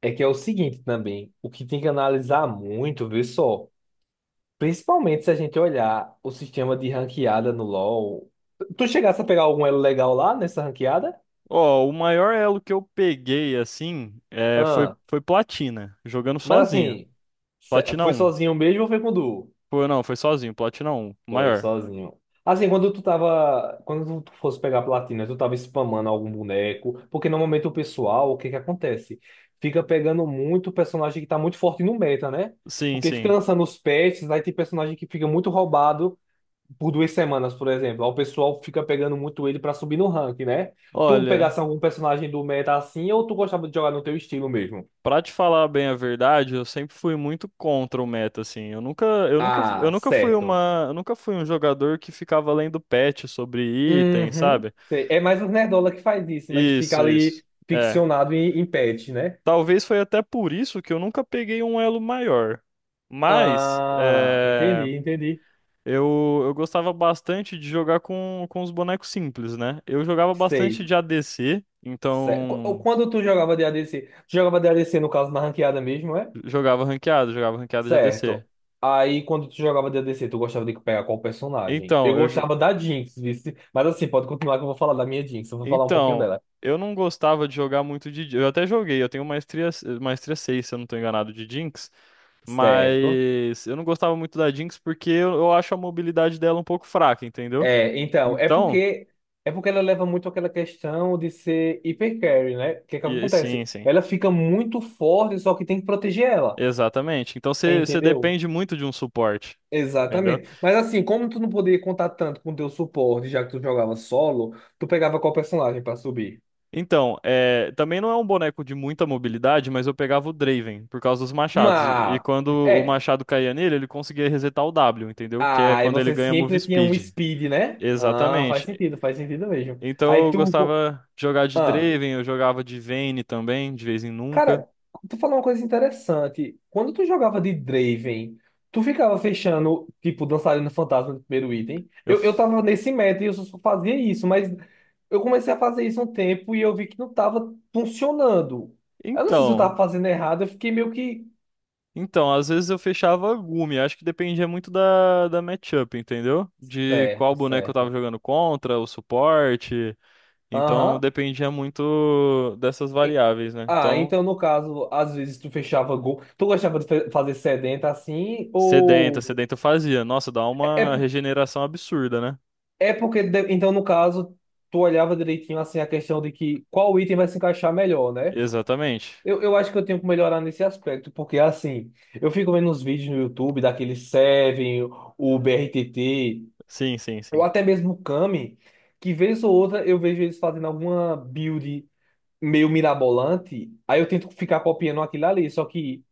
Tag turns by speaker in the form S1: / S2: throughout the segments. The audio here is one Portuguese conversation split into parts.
S1: É que é o seguinte também, o que tem que analisar muito, vê só, principalmente se a gente olhar o sistema de ranqueada no LoL. Tu chegasse a pegar algum elo legal lá nessa ranqueada?
S2: Ó, o maior elo que eu peguei, assim, é, foi,
S1: Ah,
S2: foi Platina, jogando
S1: mas
S2: sozinho.
S1: assim,
S2: Platina
S1: foi
S2: um.
S1: sozinho mesmo ou foi com duo?
S2: Foi, não, foi sozinho, Platina um o
S1: Foi
S2: maior.
S1: sozinho. Assim, quando tu tava, quando tu fosse pegar platina, tu tava spamando algum boneco, porque normalmente o pessoal, o que que acontece? Fica pegando muito personagem que tá muito forte no meta, né?
S2: Sim,
S1: Porque fica
S2: sim.
S1: lançando os patches, aí tem personagem que fica muito roubado por 2 semanas, por exemplo. Aí o pessoal fica pegando muito ele pra subir no rank, né? Tu pegasse
S2: Olha,
S1: algum personagem do meta assim ou tu gostava de jogar no teu estilo mesmo?
S2: pra te falar bem a verdade, eu sempre fui muito contra o meta, assim. Eu nunca, eu nunca, eu
S1: Ah,
S2: nunca
S1: certo.
S2: fui um jogador que ficava lendo patch sobre item,
S1: Uhum.
S2: sabe?
S1: Sei. É mais os nerdola que faz isso, né? Que fica
S2: Isso, isso.
S1: ali
S2: É.
S1: ficcionado em patch, né?
S2: Talvez foi até por isso que eu nunca peguei um elo maior. Mas,
S1: Ah,
S2: é...
S1: entendi, entendi.
S2: Eu gostava bastante de jogar com os bonecos simples, né? Eu jogava bastante
S1: Sei.
S2: de ADC,
S1: Sei.
S2: então
S1: Quando tu jogava de ADC, tu jogava de ADC no caso na ranqueada mesmo, é?
S2: jogava ranqueado de ADC.
S1: Certo. Aí, quando tu jogava D and D C tu gostava de pegar qual personagem? Eu
S2: Então, eu, jo-
S1: gostava da Jinx, vice. Mas assim, pode continuar que eu vou falar da minha Jinx. Eu vou falar um pouquinho
S2: então,
S1: dela.
S2: eu não gostava de jogar muito de. Eu até joguei, eu tenho maestria 6, se eu não tô enganado, de Jinx,
S1: Certo.
S2: mas eu não gostava muito da Jinx porque eu acho a mobilidade dela um pouco fraca, entendeu?
S1: É, então, é
S2: Então,
S1: porque é porque ela leva muito aquela questão de ser hiper carry, né? O que é que
S2: e, sim,
S1: acontece?
S2: sim,
S1: Ela fica muito forte, só que tem que proteger ela.
S2: exatamente. Então você
S1: Entendeu?
S2: depende muito de um suporte, entendeu?
S1: Exatamente. Mas assim, como tu não podia contar tanto com teu suporte, já que tu jogava solo, tu pegava qual personagem pra subir?
S2: Então, também não é um boneco de muita mobilidade, mas eu pegava o Draven por causa dos machados. E
S1: Mas...
S2: quando o
S1: É,
S2: machado caía nele, ele conseguia resetar o W, entendeu? Que é
S1: ah, e
S2: quando ele
S1: você
S2: ganha move
S1: sempre tinha um
S2: speed.
S1: speed, né? Ah,
S2: Exatamente.
S1: faz sentido mesmo.
S2: Então
S1: Aí
S2: eu
S1: tu.
S2: gostava de jogar de
S1: Ah,
S2: Draven, eu jogava de Vayne também, de vez em nunca.
S1: cara, tu falou uma coisa interessante. Quando tu jogava de Draven, tu ficava fechando, tipo, dançarino fantasma no primeiro item.
S2: Eu...
S1: Eu
S2: f-
S1: tava nesse meta e eu só fazia isso, mas eu comecei a fazer isso um tempo e eu vi que não tava funcionando. Eu não sei se eu
S2: Então,
S1: tava fazendo errado, eu fiquei meio que.
S2: então, às vezes eu fechava Gumi, acho que dependia muito da matchup, entendeu? De
S1: Certo,
S2: qual boneco eu tava
S1: certo.
S2: jogando contra, o suporte. Então
S1: Aham.
S2: dependia muito dessas variáveis, né?
S1: Ah,
S2: Então,
S1: então no caso, às vezes tu fechava gol. Tu gostava de fazer sedenta assim?
S2: sedenta,
S1: Ou.
S2: sedenta eu fazia. Nossa, dá
S1: É,
S2: uma
S1: é
S2: regeneração absurda, né?
S1: é porque, então no caso, tu olhava direitinho assim a questão de que qual item vai se encaixar melhor, né?
S2: Exatamente.
S1: Eu acho que eu tenho que melhorar nesse aspecto, porque assim, eu fico vendo uns vídeos no YouTube daquele Seven, o BRTT,
S2: Sim, sim,
S1: ou
S2: sim.
S1: até mesmo o Kami, que vez ou outra eu vejo eles fazendo alguma build meio mirabolante, aí eu tento ficar copiando aquilo ali, só que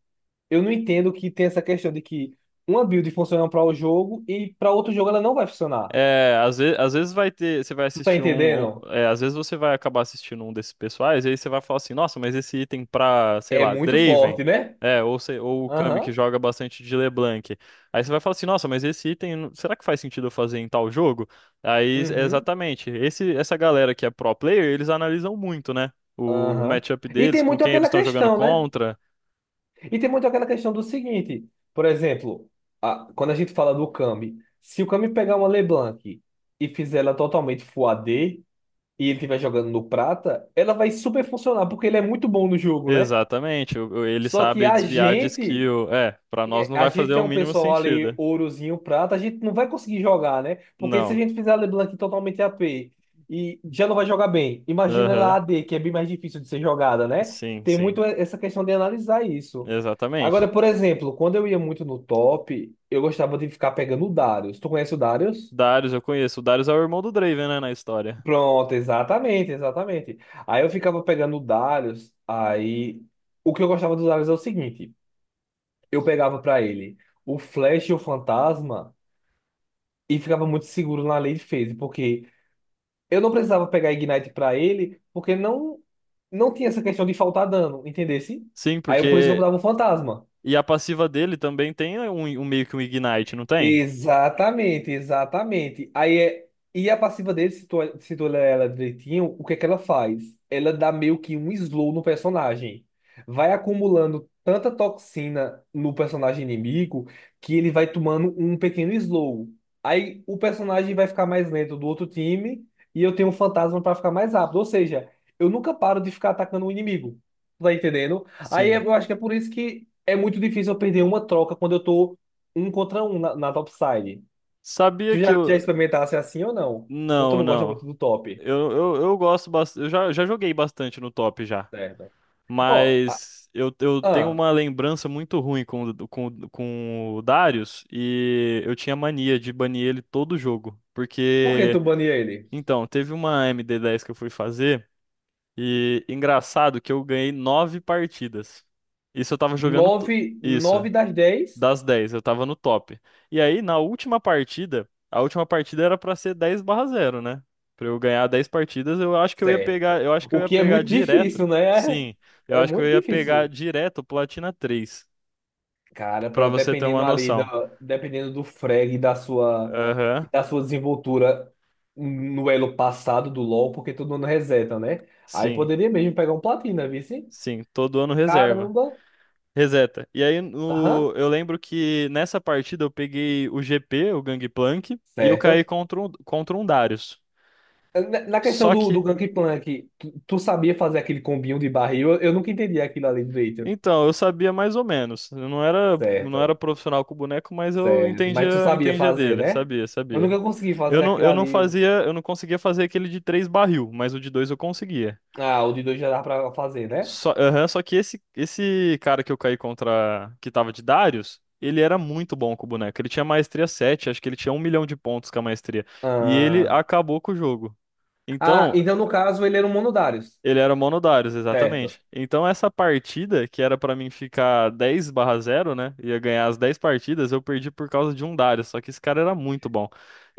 S1: eu não entendo que tem essa questão de que uma build funciona para o jogo e para outro jogo ela não vai funcionar.
S2: É, às vezes vai ter, você vai
S1: Tu tá
S2: assistir um,
S1: entendendo?
S2: às vezes você vai acabar assistindo um desses pessoais, e aí você vai falar assim, nossa, mas esse item pra, sei
S1: É
S2: lá,
S1: muito
S2: Draven,
S1: forte, né?
S2: ou o Kami que
S1: Aham.
S2: joga bastante de LeBlanc. Aí você vai falar assim, nossa, mas esse item, será que faz sentido eu fazer em tal jogo? Aí, é
S1: Uhum.
S2: exatamente, esse, essa galera que é pro player, eles analisam muito, né? O
S1: Aham.
S2: matchup
S1: E
S2: deles,
S1: tem
S2: com
S1: muito
S2: quem eles
S1: aquela
S2: estão jogando
S1: questão, né?
S2: contra.
S1: E tem muito aquela questão do seguinte, por exemplo, quando a gente fala do Kami, se o Kami pegar uma LeBlanc e fizer ela totalmente Full AD e ele estiver jogando no prata, ela vai super funcionar porque ele é muito bom no jogo, né?
S2: Exatamente, ele
S1: Só que
S2: sabe
S1: a
S2: desviar de
S1: gente.
S2: skill. É, pra nós não
S1: A
S2: vai
S1: gente
S2: fazer
S1: que é
S2: o
S1: um
S2: mínimo
S1: pessoal ali,
S2: sentido.
S1: ourozinho, prata, a gente não vai conseguir jogar, né? Porque se a
S2: Não.
S1: gente fizer a LeBlanc totalmente AP e já não vai jogar bem, imagina ela
S2: Aham.
S1: AD que é bem mais difícil de ser jogada, né?
S2: Sim,
S1: Tem
S2: sim.
S1: muito essa questão de analisar isso. Agora,
S2: Exatamente.
S1: por exemplo, quando eu ia muito no top, eu gostava de ficar pegando o Darius. Tu conhece o Darius?
S2: Darius, eu conheço. O Darius é o irmão do Draven, né, na história.
S1: Pronto, exatamente, exatamente. Aí eu ficava pegando o Darius, aí o que eu gostava do Darius é o seguinte, eu pegava pra ele o Flash e o Fantasma. E ficava muito seguro na lei de phase, porque eu não precisava pegar Ignite pra ele, porque não não tinha essa questão de faltar dano, entendesse?
S2: Sim,
S1: Aí por isso que eu
S2: porque.
S1: botava um fantasma.
S2: E a passiva dele também tem um meio que um Ignite, não tem?
S1: Exatamente, exatamente. Aí é, e a passiva dele, se tu olhar ela direitinho, o que é que ela faz? Ela dá meio que um slow no personagem. Vai acumulando tanta toxina no personagem inimigo que ele vai tomando um pequeno slow. Aí o personagem vai ficar mais lento do outro time e eu tenho um fantasma para ficar mais rápido. Ou seja, eu nunca paro de ficar atacando o inimigo. Tá entendendo? Aí
S2: Sim.
S1: eu acho que é por isso que é muito difícil eu perder uma troca quando eu tô um contra um na topside.
S2: Sabia
S1: Tu
S2: que
S1: já, já
S2: eu.
S1: experimentasse assim ou não? Ou tu
S2: Não,
S1: não gosta
S2: não.
S1: muito do top?
S2: Eu gosto bastante. Eu já joguei bastante no top já.
S1: Certo. Ó, ah,
S2: Mas eu tenho
S1: ah,
S2: uma lembrança muito ruim com o Darius. E eu tinha mania de banir ele todo jogo.
S1: por que
S2: Porque.
S1: tu bania ele?
S2: Então, teve uma MD10 que eu fui fazer. E engraçado que eu ganhei nove partidas. Isso eu tava jogando.
S1: Nove
S2: Isso,
S1: nove das dez.
S2: das 10. Eu tava no top. E aí, na última partida, a última partida era pra ser 10-0, né? Pra eu ganhar 10 partidas, eu acho que eu ia pegar.
S1: Certo.
S2: Eu acho que eu
S1: O
S2: ia
S1: que é
S2: pegar
S1: muito
S2: direto.
S1: difícil, né? É,
S2: Sim, eu
S1: é
S2: acho que eu
S1: muito
S2: ia pegar
S1: difícil.
S2: direto o Platina três.
S1: Cara,
S2: Pra
S1: pra,
S2: você ter
S1: dependendo
S2: uma
S1: ali,
S2: noção.
S1: da, dependendo do frag
S2: Aham,
S1: e da sua desenvoltura no elo passado do LoL, porque todo mundo reseta, né? Aí
S2: sim,
S1: poderia mesmo pegar um platina, viu? Sim?
S2: sim, todo ano reserva.
S1: Caramba.
S2: Reseta. E aí
S1: Aham.
S2: eu lembro que nessa partida eu peguei o GP, o Gangplank, e eu caí
S1: Certo.
S2: contra um Darius.
S1: Na na questão
S2: Só
S1: do
S2: que,
S1: Gank Plank, tu sabia fazer aquele combinho de barril? Eu nunca entendi aquilo ali direito.
S2: então, eu sabia mais ou menos. Eu não era
S1: Certo,
S2: profissional com o boneco, mas eu
S1: certo. Mas tu
S2: entendia,
S1: sabia
S2: entendia
S1: fazer,
S2: dele,
S1: né?
S2: sabia,
S1: Eu
S2: sabia.
S1: nunca consegui
S2: Eu
S1: fazer
S2: não,
S1: aquilo
S2: eu não
S1: ali.
S2: fazia, eu não conseguia fazer aquele de três barril, mas o de dois eu conseguia.
S1: Ah, o de dois já dá pra fazer, né?
S2: Aham, só que esse cara que eu caí contra, que tava de Darius, ele era muito bom com o boneco. Ele tinha maestria 7, acho que ele tinha 1 milhão de pontos com a maestria. E ele
S1: Ah,
S2: acabou com o jogo.
S1: ah
S2: Então,
S1: então no caso ele era um Monodarius.
S2: ele era mono Darius,
S1: Certo.
S2: exatamente. Então, essa partida, que era pra mim ficar 10-0, né? Ia ganhar as 10 partidas, eu perdi por causa de um Darius. Só que esse cara era muito bom.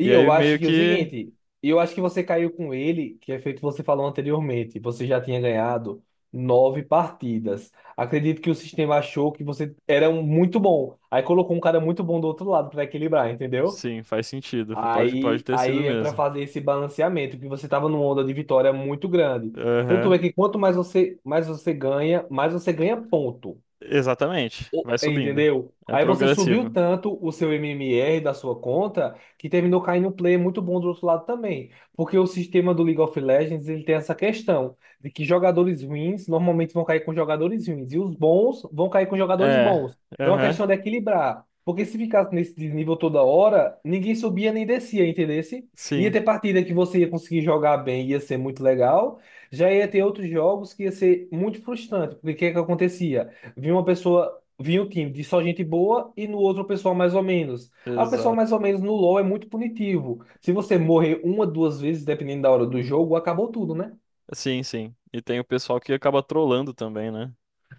S2: E aí,
S1: eu acho
S2: meio
S1: que é o
S2: que.
S1: seguinte, eu acho que você caiu com ele, que é feito você falou anteriormente. Você já tinha ganhado nove partidas. Acredito que o sistema achou que você era um muito bom. Aí colocou um cara muito bom do outro lado para equilibrar, entendeu?
S2: Sim, faz sentido. Pode
S1: Aí,
S2: ter sido
S1: aí é para
S2: mesmo.
S1: fazer esse balanceamento, que você estava numa onda de vitória muito grande. Tanto
S2: Aham.
S1: é que quanto mais você ganha ponto.
S2: Exatamente. Vai subindo.
S1: Entendeu?
S2: É
S1: Aí você subiu
S2: progressivo.
S1: tanto o seu MMR da sua conta que terminou caindo um player muito bom do outro lado também. Porque o sistema do League of Legends ele tem essa questão de que jogadores ruins normalmente vão cair com jogadores ruins e os bons vão cair com jogadores
S2: É,
S1: bons. É uma
S2: aham,
S1: questão de equilibrar. Porque se ficasse nesse nível toda hora, ninguém subia nem descia, entendesse? Ia
S2: sim,
S1: ter partida que você ia conseguir jogar bem, ia ser muito legal. Já ia ter outros jogos que ia ser muito frustrante. Porque o que é que acontecia? Vinha uma pessoa. Vinha o time de só gente boa e no outro o pessoal mais ou menos. Ah, o pessoal mais
S2: exato.
S1: ou menos no LoL é muito punitivo. Se você morrer uma, duas vezes, dependendo da hora do jogo, acabou tudo, né?
S2: Sim, sim. E tem o pessoal que acaba trolando também, né?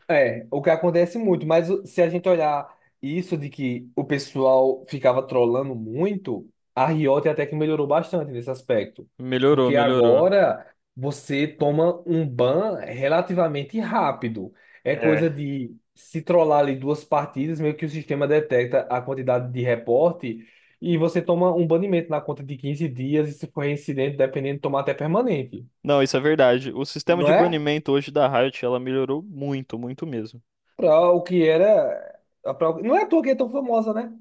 S1: É, o que acontece muito, mas se a gente olhar isso de que o pessoal ficava trollando muito, a Riot até que melhorou bastante nesse aspecto.
S2: Melhorou,
S1: Porque
S2: melhorou.
S1: agora você toma um ban relativamente rápido. É
S2: É.
S1: coisa de se trollar ali duas partidas, meio que o sistema detecta a quantidade de reporte e você toma um banimento na conta de 15 dias e se for reincidente, dependendo, tomar até permanente.
S2: Não, isso é verdade. O sistema
S1: Não
S2: de
S1: é?
S2: banimento hoje da Riot, ela melhorou muito, muito mesmo.
S1: Pra o que era. Não é à toa que é tão famosa, né?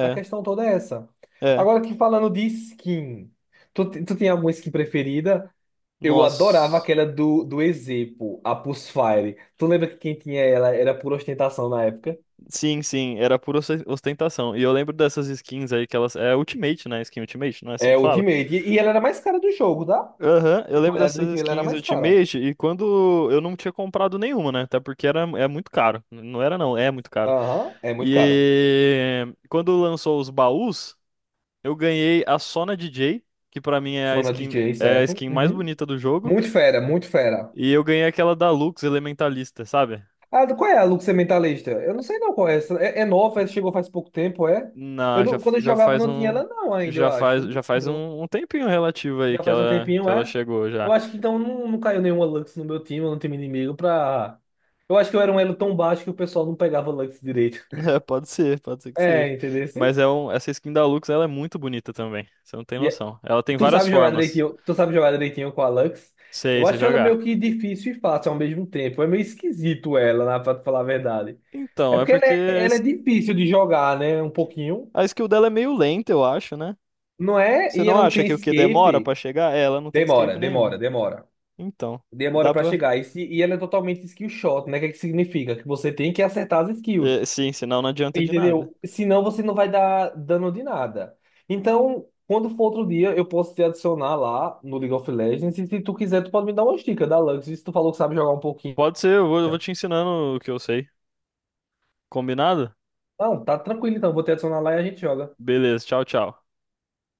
S1: A questão toda é essa.
S2: é. É.
S1: Agora que falando de skin, tu tem alguma skin preferida? Eu adorava
S2: Nossa.
S1: aquela do, do Ezepo, a Pulse Fire. Tu lembra que quem tinha ela era por ostentação na época?
S2: Sim, sim, era pura ostentação. E eu lembro dessas skins aí que elas. É Ultimate, né? Skin Ultimate, não é assim
S1: É
S2: que fala?
S1: Ultimate. E ela era mais cara do jogo, tá?
S2: Aham, eu
S1: Se tu
S2: lembro
S1: olhar
S2: dessas
S1: direitinho, ela era
S2: skins
S1: mais cara.
S2: Ultimate e quando eu não tinha comprado nenhuma, né? Até porque era, é muito caro. Não era não, é muito caro.
S1: Aham, é muito caro.
S2: E quando lançou os baús, eu ganhei a Sona DJ, que pra mim é a
S1: Só na
S2: skin,
S1: DJ,
S2: é a
S1: certo?
S2: skin mais
S1: Uhum.
S2: bonita do jogo,
S1: Muito fera, muito fera.
S2: e eu ganhei aquela da Lux Elementalista, sabe?
S1: Ah, qual é a Luxem Mentalista? Eu não sei não qual é essa. É, é nova, chegou faz pouco tempo, é? Eu
S2: Na, já,
S1: não, quando eu
S2: já
S1: jogava
S2: faz
S1: não tinha
S2: um
S1: ela não ainda, eu
S2: já
S1: acho.
S2: faz
S1: Não
S2: já faz
S1: lembro.
S2: um, um tempinho relativo aí
S1: Já
S2: que
S1: faz um
S2: ela que
S1: tempinho,
S2: ela
S1: é?
S2: chegou
S1: Eu
S2: já.
S1: acho que então não, não caiu nenhuma Lux no meu time, no time inimigo, pra. Eu acho que eu era um elo tão baixo que o pessoal não pegava Lux direito.
S2: É, pode ser que
S1: É,
S2: seja.
S1: entendeu?
S2: Mas essa skin da Lux, ela é muito bonita também. Você não tem
S1: E é-
S2: noção. Ela tem
S1: Tu
S2: várias
S1: sabe jogar
S2: formas.
S1: direitinho, tu sabe jogar direitinho com a Lux? Eu
S2: Sei, você
S1: acho ela meio
S2: jogar.
S1: que difícil e fácil ao mesmo tempo. É meio esquisito ela, né, pra te falar a verdade. É
S2: Então, é
S1: porque ela
S2: porque
S1: é,
S2: a
S1: ela é
S2: es-
S1: difícil de jogar, né? Um pouquinho.
S2: a skill dela é meio lenta, eu acho, né?
S1: Não é?
S2: Você
S1: E
S2: não
S1: ela não
S2: acha
S1: tem
S2: que o que demora pra
S1: escape.
S2: chegar? É, ela não tem
S1: Demora,
S2: escape nenhum.
S1: demora, demora.
S2: Então,
S1: Demora
S2: dá
S1: pra
S2: pra.
S1: chegar. E, se- e ela é totalmente skill shot, né? O que é que significa? Que você tem que acertar as
S2: É,
S1: skills,
S2: sim, senão não adianta de nada.
S1: entendeu? Senão você não vai dar dano de nada. Então, quando for outro dia, eu posso te adicionar lá no League of Legends. E se tu quiser, tu pode me dar uma dica da Lux. Se tu falou que sabe jogar um pouquinho.
S2: Pode ser, eu vou te ensinando o que eu sei. Combinado?
S1: Não, tá tranquilo então. Vou te adicionar lá e a gente joga.
S2: Beleza, tchau, tchau.